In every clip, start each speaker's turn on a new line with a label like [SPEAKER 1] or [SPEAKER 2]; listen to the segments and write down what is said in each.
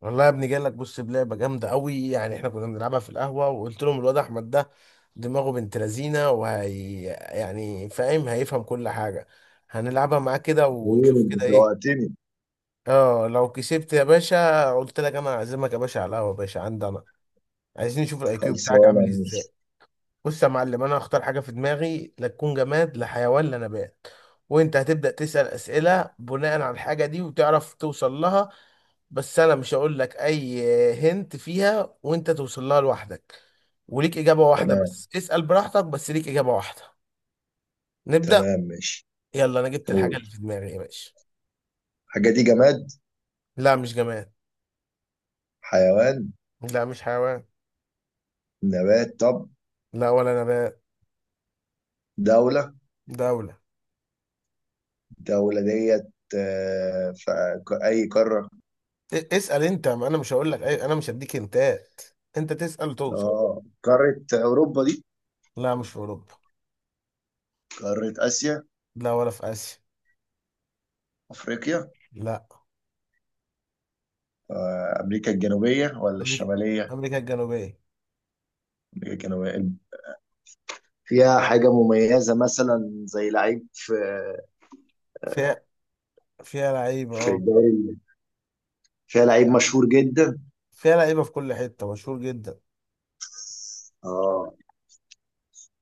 [SPEAKER 1] والله يا ابني، جاي لك. بص، بلعبه جامده قوي. يعني احنا كنا بنلعبها في القهوه، وقلت لهم الواد احمد ده دماغه بنت لذينه، وهي يعني فاهم هيفهم كل حاجه. هنلعبها معاه كده ونشوف
[SPEAKER 2] قول.
[SPEAKER 1] كده ايه.
[SPEAKER 2] شوقتني.
[SPEAKER 1] اه لو كسبت يا باشا، قلت لك انا هعزمك يا باشا على القهوه يا باشا عندي انا. عايزين نشوف الاي كيو بتاعك
[SPEAKER 2] خلصانة
[SPEAKER 1] عامل
[SPEAKER 2] يا موسى.
[SPEAKER 1] ازاي. بص يا معلم، انا هختار حاجه في دماغي، لا تكون جماد، لا حيوان، لا نبات. وانت هتبدا تسال اسئله بناء على الحاجه دي وتعرف توصل لها. بس انا مش هقول لك اي. هنت فيها وانت توصل لها لوحدك. وليك اجابه واحده
[SPEAKER 2] تمام.
[SPEAKER 1] بس، اسال براحتك بس ليك اجابه واحده. نبدا.
[SPEAKER 2] تمام، ماشي.
[SPEAKER 1] يلا انا جبت الحاجه
[SPEAKER 2] قول.
[SPEAKER 1] اللي في دماغي يا باشا.
[SPEAKER 2] الحاجة دي جماد؟
[SPEAKER 1] لا مش جماد.
[SPEAKER 2] حيوان؟
[SPEAKER 1] لا مش حيوان.
[SPEAKER 2] نبات؟ طب،
[SPEAKER 1] لا ولا نبات.
[SPEAKER 2] دولة؟
[SPEAKER 1] دوله.
[SPEAKER 2] الدولة ديت في أي قارة؟
[SPEAKER 1] اسال انت، ما انا مش هقول لك اي، انا مش هديك هنتات. انت تسال توصل.
[SPEAKER 2] اه، قارة أوروبا دي؟
[SPEAKER 1] لا مش في اوروبا.
[SPEAKER 2] قارة آسيا؟
[SPEAKER 1] لا ولا في آسيا.
[SPEAKER 2] أفريقيا؟
[SPEAKER 1] لا.
[SPEAKER 2] أمريكا الجنوبية ولا
[SPEAKER 1] أمريكا.
[SPEAKER 2] الشمالية؟
[SPEAKER 1] أمريكا الجنوبية.
[SPEAKER 2] أمريكا الجنوبية. فيها حاجة مميزة مثلا زي لعيب في
[SPEAKER 1] فيها. فيها لعيبة
[SPEAKER 2] في
[SPEAKER 1] اه.
[SPEAKER 2] الدوري. فيها لعيب مشهور جدا.
[SPEAKER 1] فيها لعيبة في كل حتة مشهور جدا.
[SPEAKER 2] اه.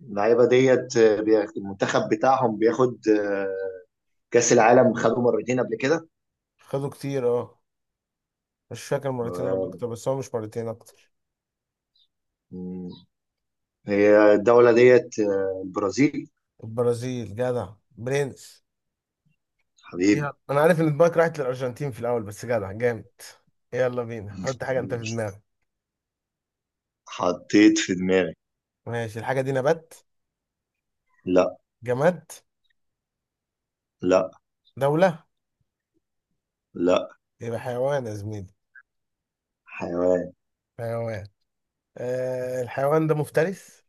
[SPEAKER 2] اللعيبه ديت المنتخب بتاعهم بياخد كاس العالم، خدوا مرتين قبل كده.
[SPEAKER 1] خدوا كتير اه. مش فاكر مرتين ولا أكتر، بس هو مش مرتين، أكتر.
[SPEAKER 2] مم. هي الدوله ديت البرازيل.
[SPEAKER 1] البرازيل جدع برنس.
[SPEAKER 2] حبيبي.
[SPEAKER 1] يلا أنا عارف إن دماغك راحت للأرجنتين في الأول، بس جدع جامد. يلا بينا، حط حاجة أنت في دماغك.
[SPEAKER 2] حطيت في دماغي.
[SPEAKER 1] ماشي الحاجة دي نبات؟
[SPEAKER 2] لا.
[SPEAKER 1] جماد؟
[SPEAKER 2] لا.
[SPEAKER 1] دولة؟
[SPEAKER 2] لا.
[SPEAKER 1] يبقى حيوان يا زميلي.
[SPEAKER 2] حيوان.
[SPEAKER 1] حيوان. آه الحيوان ده مفترس؟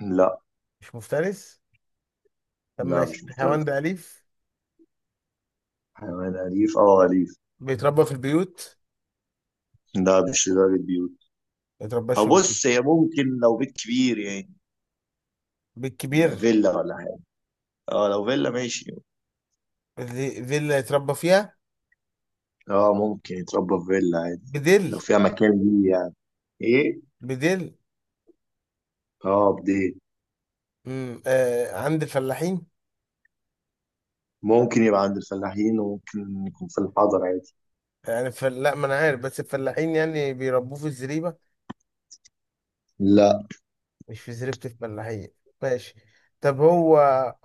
[SPEAKER 2] لا
[SPEAKER 1] مش مفترس. طب
[SPEAKER 2] لا،
[SPEAKER 1] ماشي
[SPEAKER 2] مش
[SPEAKER 1] الحيوان
[SPEAKER 2] مفترس.
[SPEAKER 1] ده أليف؟
[SPEAKER 2] حيوان أليف أو أليف؟
[SPEAKER 1] بيتربى في البيوت؟
[SPEAKER 2] لا، مش لدرجة بيوت.
[SPEAKER 1] ما يترباش في
[SPEAKER 2] أو
[SPEAKER 1] البيت؟
[SPEAKER 2] بص، هي ممكن لو بيت كبير يعني.
[SPEAKER 1] بيت كبير.
[SPEAKER 2] فيلا ولا حاجة. اه، لو فيلا ماشي.
[SPEAKER 1] فيلا يتربى فيها؟
[SPEAKER 2] اه، ممكن يتربى في فيلا عادي.
[SPEAKER 1] بدل.
[SPEAKER 2] لو فيها مكان ليه يعني. ايه؟
[SPEAKER 1] بدل.
[SPEAKER 2] اه، بديل.
[SPEAKER 1] آه عند الفلاحين.
[SPEAKER 2] ممكن يبقى عند الفلاحين، وممكن يكون في الحضر عادي.
[SPEAKER 1] لا ما انا عارف، بس الفلاحين يعني بيربوه في الزريبة.
[SPEAKER 2] لا.
[SPEAKER 1] مش في زريبة الفلاحين؟ ماشي. طب هو.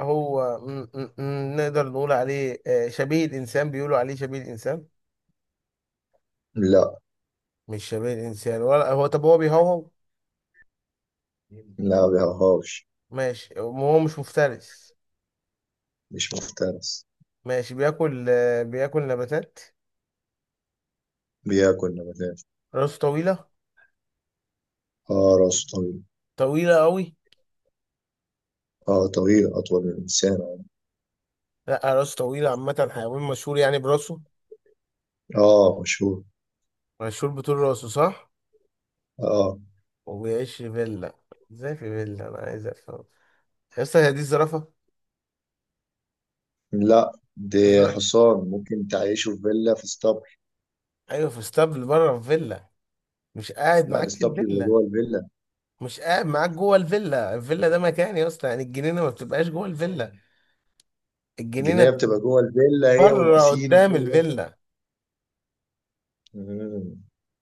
[SPEAKER 1] هو نقدر نقول عليه آه شبيه الإنسان؟ بيقولوا عليه شبيه الإنسان.
[SPEAKER 2] لا.
[SPEAKER 1] مش شبيه الإنسان ولا هو؟ طب هو بيهوهو؟
[SPEAKER 2] لا بيهرهاش.
[SPEAKER 1] ماشي هو مش مفترس.
[SPEAKER 2] مش مفترس.
[SPEAKER 1] ماشي بياكل آه بياكل نباتات.
[SPEAKER 2] بياكل نباتات.
[SPEAKER 1] راسه طويلة.
[SPEAKER 2] اه، راسه طويل.
[SPEAKER 1] طويلة أوي.
[SPEAKER 2] اه، طويل أطول من الإنسان.
[SPEAKER 1] لا راسه طويلة عامة، حيوان مشهور يعني براسه.
[SPEAKER 2] اه، مشهور.
[SPEAKER 1] مشهور بطول راسه، صح؟
[SPEAKER 2] اه.
[SPEAKER 1] وبيعيش في فيلا. ازاي في فيلا؟ أنا عايز أفهم. يا اسطى، هي دي الزرافة.
[SPEAKER 2] لا، دي
[SPEAKER 1] الزرافة.
[SPEAKER 2] حصان ممكن تعيشه في فيلا في اسطبل.
[SPEAKER 1] أيوة، في اسطبل بره في فيلا؟ مش قاعد
[SPEAKER 2] لا،
[SPEAKER 1] معاك في
[SPEAKER 2] الاسطبل بيبقى
[SPEAKER 1] الفيلا؟
[SPEAKER 2] جوه الفيلا.
[SPEAKER 1] مش قاعد معاك جوه الفيلا. الفيلا ده مكان يا اسطى، يعني الجنينة ما بتبقاش جوه الفيلا. الجنينة
[SPEAKER 2] الجنينة
[SPEAKER 1] بتبقى.
[SPEAKER 2] بتبقى جوه الفيلا هي
[SPEAKER 1] بره
[SPEAKER 2] والبسين
[SPEAKER 1] قدام
[SPEAKER 2] وكل ده.
[SPEAKER 1] الفيلا.
[SPEAKER 2] مم.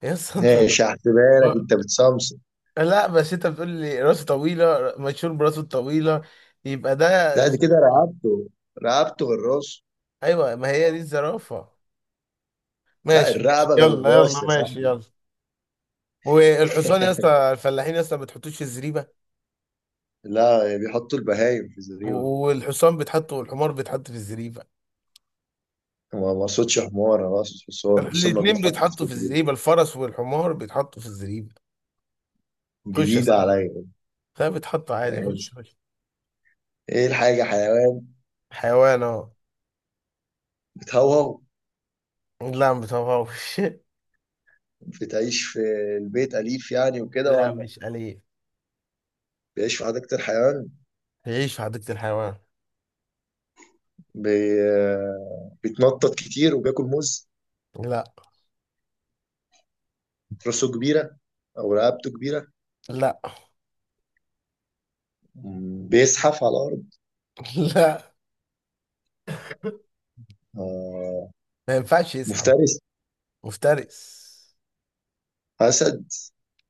[SPEAKER 1] يا اسطى انت.
[SPEAKER 2] ماشي، هحسبها لك، انت بتصمصم.
[SPEAKER 1] لا، بس انت بتقول لي راسه طويلة مشهور براسه الطويلة، يبقى ده.
[SPEAKER 2] لا، دي كده رقبته. رقبته غير راسه.
[SPEAKER 1] ايوه ما هي دي الزرافة.
[SPEAKER 2] لا،
[SPEAKER 1] ماشي ماشي،
[SPEAKER 2] الرقبة غير
[SPEAKER 1] يلا يلا
[SPEAKER 2] الراس يا
[SPEAKER 1] ماشي
[SPEAKER 2] صاحبي.
[SPEAKER 1] يلا. والحصان يا اسطى، الفلاحين يا اسطى ما بتحطوش في الزريبه؟
[SPEAKER 2] لا، بيحطوا البهايم في الزريبة.
[SPEAKER 1] والحصان بيتحط والحمار بيتحط في الزريبه.
[SPEAKER 2] ما اقصدش حمار، انا اقصد حصان بس هما
[SPEAKER 1] الاتنين
[SPEAKER 2] بيتحطوا في
[SPEAKER 1] بيتحطوا في
[SPEAKER 2] الزريبة.
[SPEAKER 1] الزريبه، الفرس والحمار بيتحطوا في الزريبه. خش يا
[SPEAKER 2] جديدة
[SPEAKER 1] صاحبي.
[SPEAKER 2] عليا.
[SPEAKER 1] لا بيتحطوا عادي،
[SPEAKER 2] يعني.
[SPEAKER 1] خش خش.
[SPEAKER 2] ايه الحاجة؟ حيوان؟
[SPEAKER 1] حيوان اهو.
[SPEAKER 2] بتهوهو؟
[SPEAKER 1] لا ما بتهوهوش.
[SPEAKER 2] بتعيش في البيت؟ أليف يعني وكده
[SPEAKER 1] لا
[SPEAKER 2] ولا؟
[SPEAKER 1] مش أليف.
[SPEAKER 2] بيعيش في حديقة الحيوان؟
[SPEAKER 1] يعيش في حديقة الحيوان.
[SPEAKER 2] بي... بيتنطط كتير وبياكل موز؟
[SPEAKER 1] لا.
[SPEAKER 2] راسه كبيرة؟ أو رقبته كبيرة؟
[SPEAKER 1] لا.
[SPEAKER 2] مم. بيزحف على الأرض؟
[SPEAKER 1] لا
[SPEAKER 2] آه.
[SPEAKER 1] ما ينفعش يزحف.
[SPEAKER 2] مفترس؟
[SPEAKER 1] مفترس.
[SPEAKER 2] أسد؟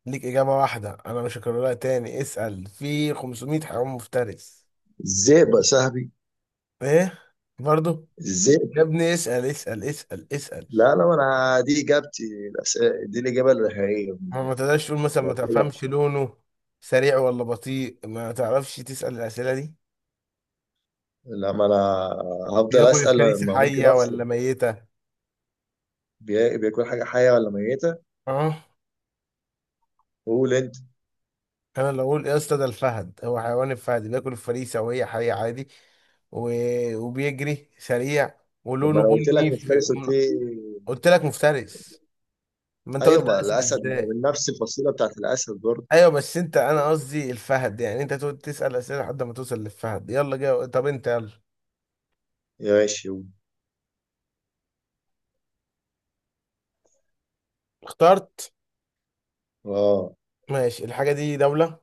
[SPEAKER 1] ليك إجابة واحدة، أنا مش هكررها تاني، اسأل في 500 حيوان مفترس.
[SPEAKER 2] الذئب يا صاحبي.
[SPEAKER 1] ايه؟ برضو.
[SPEAKER 2] الذئب.
[SPEAKER 1] يا ابني اسأل اسأل اسأل اسأل.
[SPEAKER 2] لا، لا، ما أنا دي إجابتي. دي الإجابة النهائية.
[SPEAKER 1] ما تقدرش تقول مثلا ما
[SPEAKER 2] لو كده.
[SPEAKER 1] تفهمش لونه، سريع ولا بطيء، ما تعرفش تسأل الأسئلة دي؟
[SPEAKER 2] لما انا هفضل
[SPEAKER 1] بياكل
[SPEAKER 2] اسال،
[SPEAKER 1] الفريسة
[SPEAKER 2] ما ممكن
[SPEAKER 1] حية
[SPEAKER 2] افصل.
[SPEAKER 1] ولا ميتة؟
[SPEAKER 2] بياكل حاجه حيه ولا ميته؟
[SPEAKER 1] اه.
[SPEAKER 2] قول انت.
[SPEAKER 1] انا لو اقول يا اسطى ده الفهد، هو حيوان الفهد بياكل الفريسة وهي حية عادي. و... وبيجري سريع
[SPEAKER 2] طب ما
[SPEAKER 1] ولونه
[SPEAKER 2] انا قلت
[SPEAKER 1] بني
[SPEAKER 2] لك مفترس، قلت لي
[SPEAKER 1] قلت لك مفترس. ما انت قلت
[SPEAKER 2] ايوه. ما
[SPEAKER 1] اسد
[SPEAKER 2] الاسد ما هو
[SPEAKER 1] ازاي؟
[SPEAKER 2] من نفس الفصيله بتاعت الاسد برضه.
[SPEAKER 1] ايوه بس انت، انا قصدي الفهد، يعني انت تقعد تسأل اسئله لحد ما توصل للفهد. يلا جاي. طب انت يلا.
[SPEAKER 2] ماشي، قول.
[SPEAKER 1] اخترت.
[SPEAKER 2] اه.
[SPEAKER 1] ماشي الحاجة دي دولة؟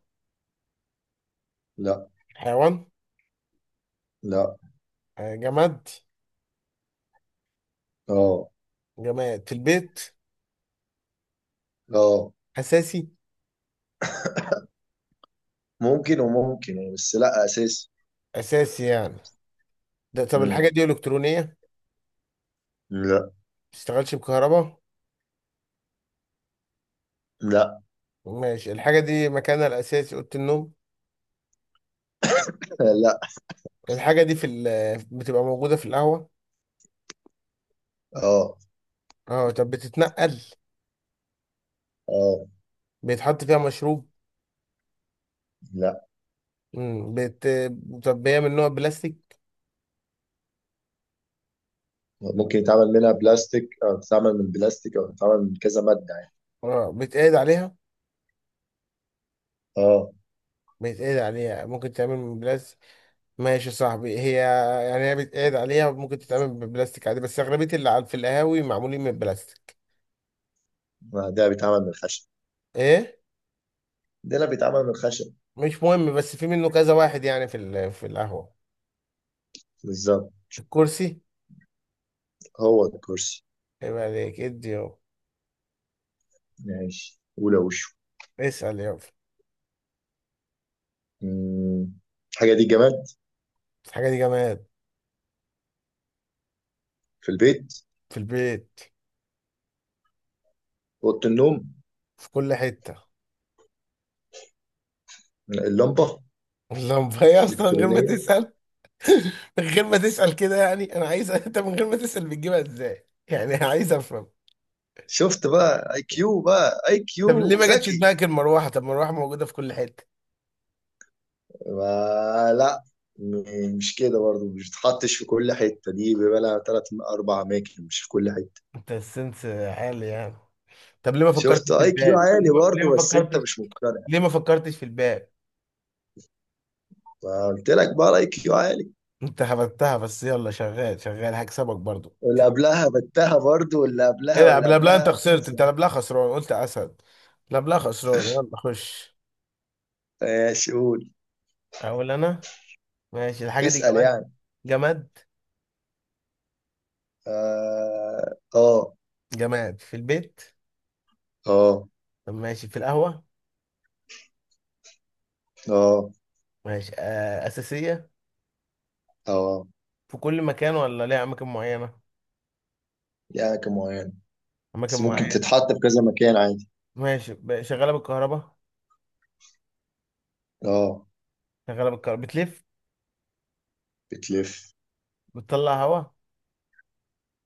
[SPEAKER 2] لا.
[SPEAKER 1] حيوان؟
[SPEAKER 2] لا.
[SPEAKER 1] آه، جماد؟
[SPEAKER 2] اه.
[SPEAKER 1] جماد في البيت؟
[SPEAKER 2] اه.
[SPEAKER 1] أساسي؟
[SPEAKER 2] ممكن وممكن يعني، بس لا اساسي.
[SPEAKER 1] أساسي يعني. ده طب
[SPEAKER 2] مم.
[SPEAKER 1] الحاجة دي إلكترونية؟ ما
[SPEAKER 2] لا.
[SPEAKER 1] بتشتغلش بكهرباء؟
[SPEAKER 2] لا.
[SPEAKER 1] ماشي الحاجة دي مكانها الأساسي أوضة النوم؟
[SPEAKER 2] لا.
[SPEAKER 1] الحاجة دي بتبقى موجودة في القهوة؟
[SPEAKER 2] اه.
[SPEAKER 1] اه طب بتتنقل؟
[SPEAKER 2] اه.
[SPEAKER 1] بيتحط فيها مشروب؟
[SPEAKER 2] لا.
[SPEAKER 1] مم. بت... طب هي من نوع بلاستيك؟
[SPEAKER 2] ممكن يتعمل منها بلاستيك، او تتعمل من بلاستيك، او تتعمل من كذا ماده يعني.
[SPEAKER 1] اه بيتقعد عليها.
[SPEAKER 2] اه.
[SPEAKER 1] بيتقعد عليها، ممكن تعمل من بلاستيك. ماشي يا صاحبي هي. يعني هي بيتقعد عليها، ممكن تتعمل ببلاستيك عادي، بس أغلبية اللي في القهاوي معمولين من بلاستيك.
[SPEAKER 2] ما ده بيتعمل من الخشب.
[SPEAKER 1] إيه؟
[SPEAKER 2] ده لا، بيتعمل من الخشب.
[SPEAKER 1] مش مهم، بس في منه كذا واحد يعني في القهوة.
[SPEAKER 2] بالظبط.
[SPEAKER 1] الكرسي.
[SPEAKER 2] هو ده الكرسي.
[SPEAKER 1] يبقى عليك ادي يابا.
[SPEAKER 2] ماشي، أولى وشه.
[SPEAKER 1] اسأل يابا.
[SPEAKER 2] مم. الحاجة دي جماد؟
[SPEAKER 1] الحاجة دي جماد.
[SPEAKER 2] في البيت؟
[SPEAKER 1] في البيت.
[SPEAKER 2] أوضة النوم؟
[SPEAKER 1] في كل حتة.
[SPEAKER 2] اللمبة.
[SPEAKER 1] اللمبة هي أصلا من غير ما
[SPEAKER 2] الإلكترونية.
[SPEAKER 1] تسأل. من غير ما تسأل كده، يعني أنا عايز أنت من غير ما تسأل بتجيبها إزاي؟ يعني عايز أفهم.
[SPEAKER 2] شفت بقى IQ، بقى اي
[SPEAKER 1] طب ليه
[SPEAKER 2] كيو
[SPEAKER 1] ما جاتش
[SPEAKER 2] ذكي.
[SPEAKER 1] دماغك المروحة؟ طب المروحة موجودة في كل حتة.
[SPEAKER 2] لا. مش كده برضه، مش بتحطش في كل حتة، دي بيبقى لها تلات أربع أماكن مش في كل حتة.
[SPEAKER 1] أنت السنس. حالي يعني. طب ليه ما
[SPEAKER 2] شفت
[SPEAKER 1] فكرتش في
[SPEAKER 2] IQ
[SPEAKER 1] الباب؟ ليه
[SPEAKER 2] عالي
[SPEAKER 1] ما ليه ما
[SPEAKER 2] برضه، بس أنت
[SPEAKER 1] فكرتش؟
[SPEAKER 2] مش مقتنع.
[SPEAKER 1] ليه ما فكرتش في الباب؟
[SPEAKER 2] فقلت لك بقى الIQ عالي.
[SPEAKER 1] انت هبتها، بس يلا شغال شغال هكسبك برضو.
[SPEAKER 2] واللي قبلها بتها برضه، واللي
[SPEAKER 1] ايه
[SPEAKER 2] قبلها
[SPEAKER 1] ده؟
[SPEAKER 2] واللي
[SPEAKER 1] قبلها انت
[SPEAKER 2] قبلها
[SPEAKER 1] خسرت،
[SPEAKER 2] ماشي.
[SPEAKER 1] انت قبلها خسران، قلت اسد. قبلها خسران، يلا خش.
[SPEAKER 2] ماشي، قول.
[SPEAKER 1] اقول انا. ماشي الحاجه دي
[SPEAKER 2] اسأل
[SPEAKER 1] جماد؟
[SPEAKER 2] يعني.
[SPEAKER 1] جماد.
[SPEAKER 2] اه. اه.
[SPEAKER 1] جماد في البيت؟
[SPEAKER 2] اه.
[SPEAKER 1] طب ماشي في القهوه؟
[SPEAKER 2] اه.
[SPEAKER 1] ماشي آه اساسيه؟
[SPEAKER 2] اه.
[SPEAKER 1] في كل مكان ولا ليها اماكن معينه؟
[SPEAKER 2] ليها أماكن معينة.
[SPEAKER 1] اماكن
[SPEAKER 2] بس ممكن
[SPEAKER 1] معينه.
[SPEAKER 2] تتحط في كذا مكان عادي.
[SPEAKER 1] ماشي، شغاله بالكهرباء؟
[SPEAKER 2] اه.
[SPEAKER 1] شغاله بالكهرباء، بتلف.
[SPEAKER 2] بتلف.
[SPEAKER 1] بتطلع هواء.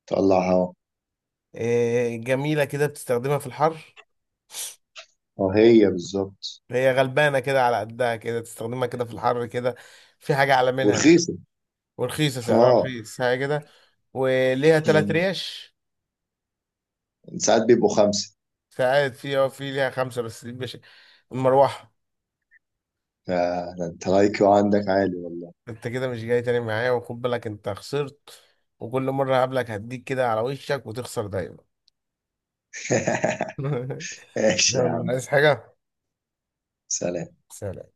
[SPEAKER 2] تطلع هوا.
[SPEAKER 1] إيه جميله كده، بتستخدمها في الحر.
[SPEAKER 2] اه، هي بالظبط.
[SPEAKER 1] هي غلبانة كده على قدها كده، تستخدمها كده في الحر كده، في حاجة أعلى منها تاني.
[SPEAKER 2] ورخيصة.
[SPEAKER 1] ورخيصة، سعرها
[SPEAKER 2] اه.
[SPEAKER 1] رخيص حاجة كده. وليها تلات
[SPEAKER 2] مم.
[SPEAKER 1] ريش.
[SPEAKER 2] ساعات بيبقوا خمسة.
[SPEAKER 1] ساعات في اه، في ليها خمسة، بس دي مش. المروحة.
[SPEAKER 2] ده انت لايكيو عندك عالي والله.
[SPEAKER 1] انت كده مش جاي تاني معايا، وخد بالك انت خسرت. وكل مرة هقابلك هديك كده على وشك وتخسر دايما.
[SPEAKER 2] ماشي يا
[SPEAKER 1] يلا
[SPEAKER 2] عم.
[SPEAKER 1] عايز حاجة؟
[SPEAKER 2] سلام.
[SPEAKER 1] سلام.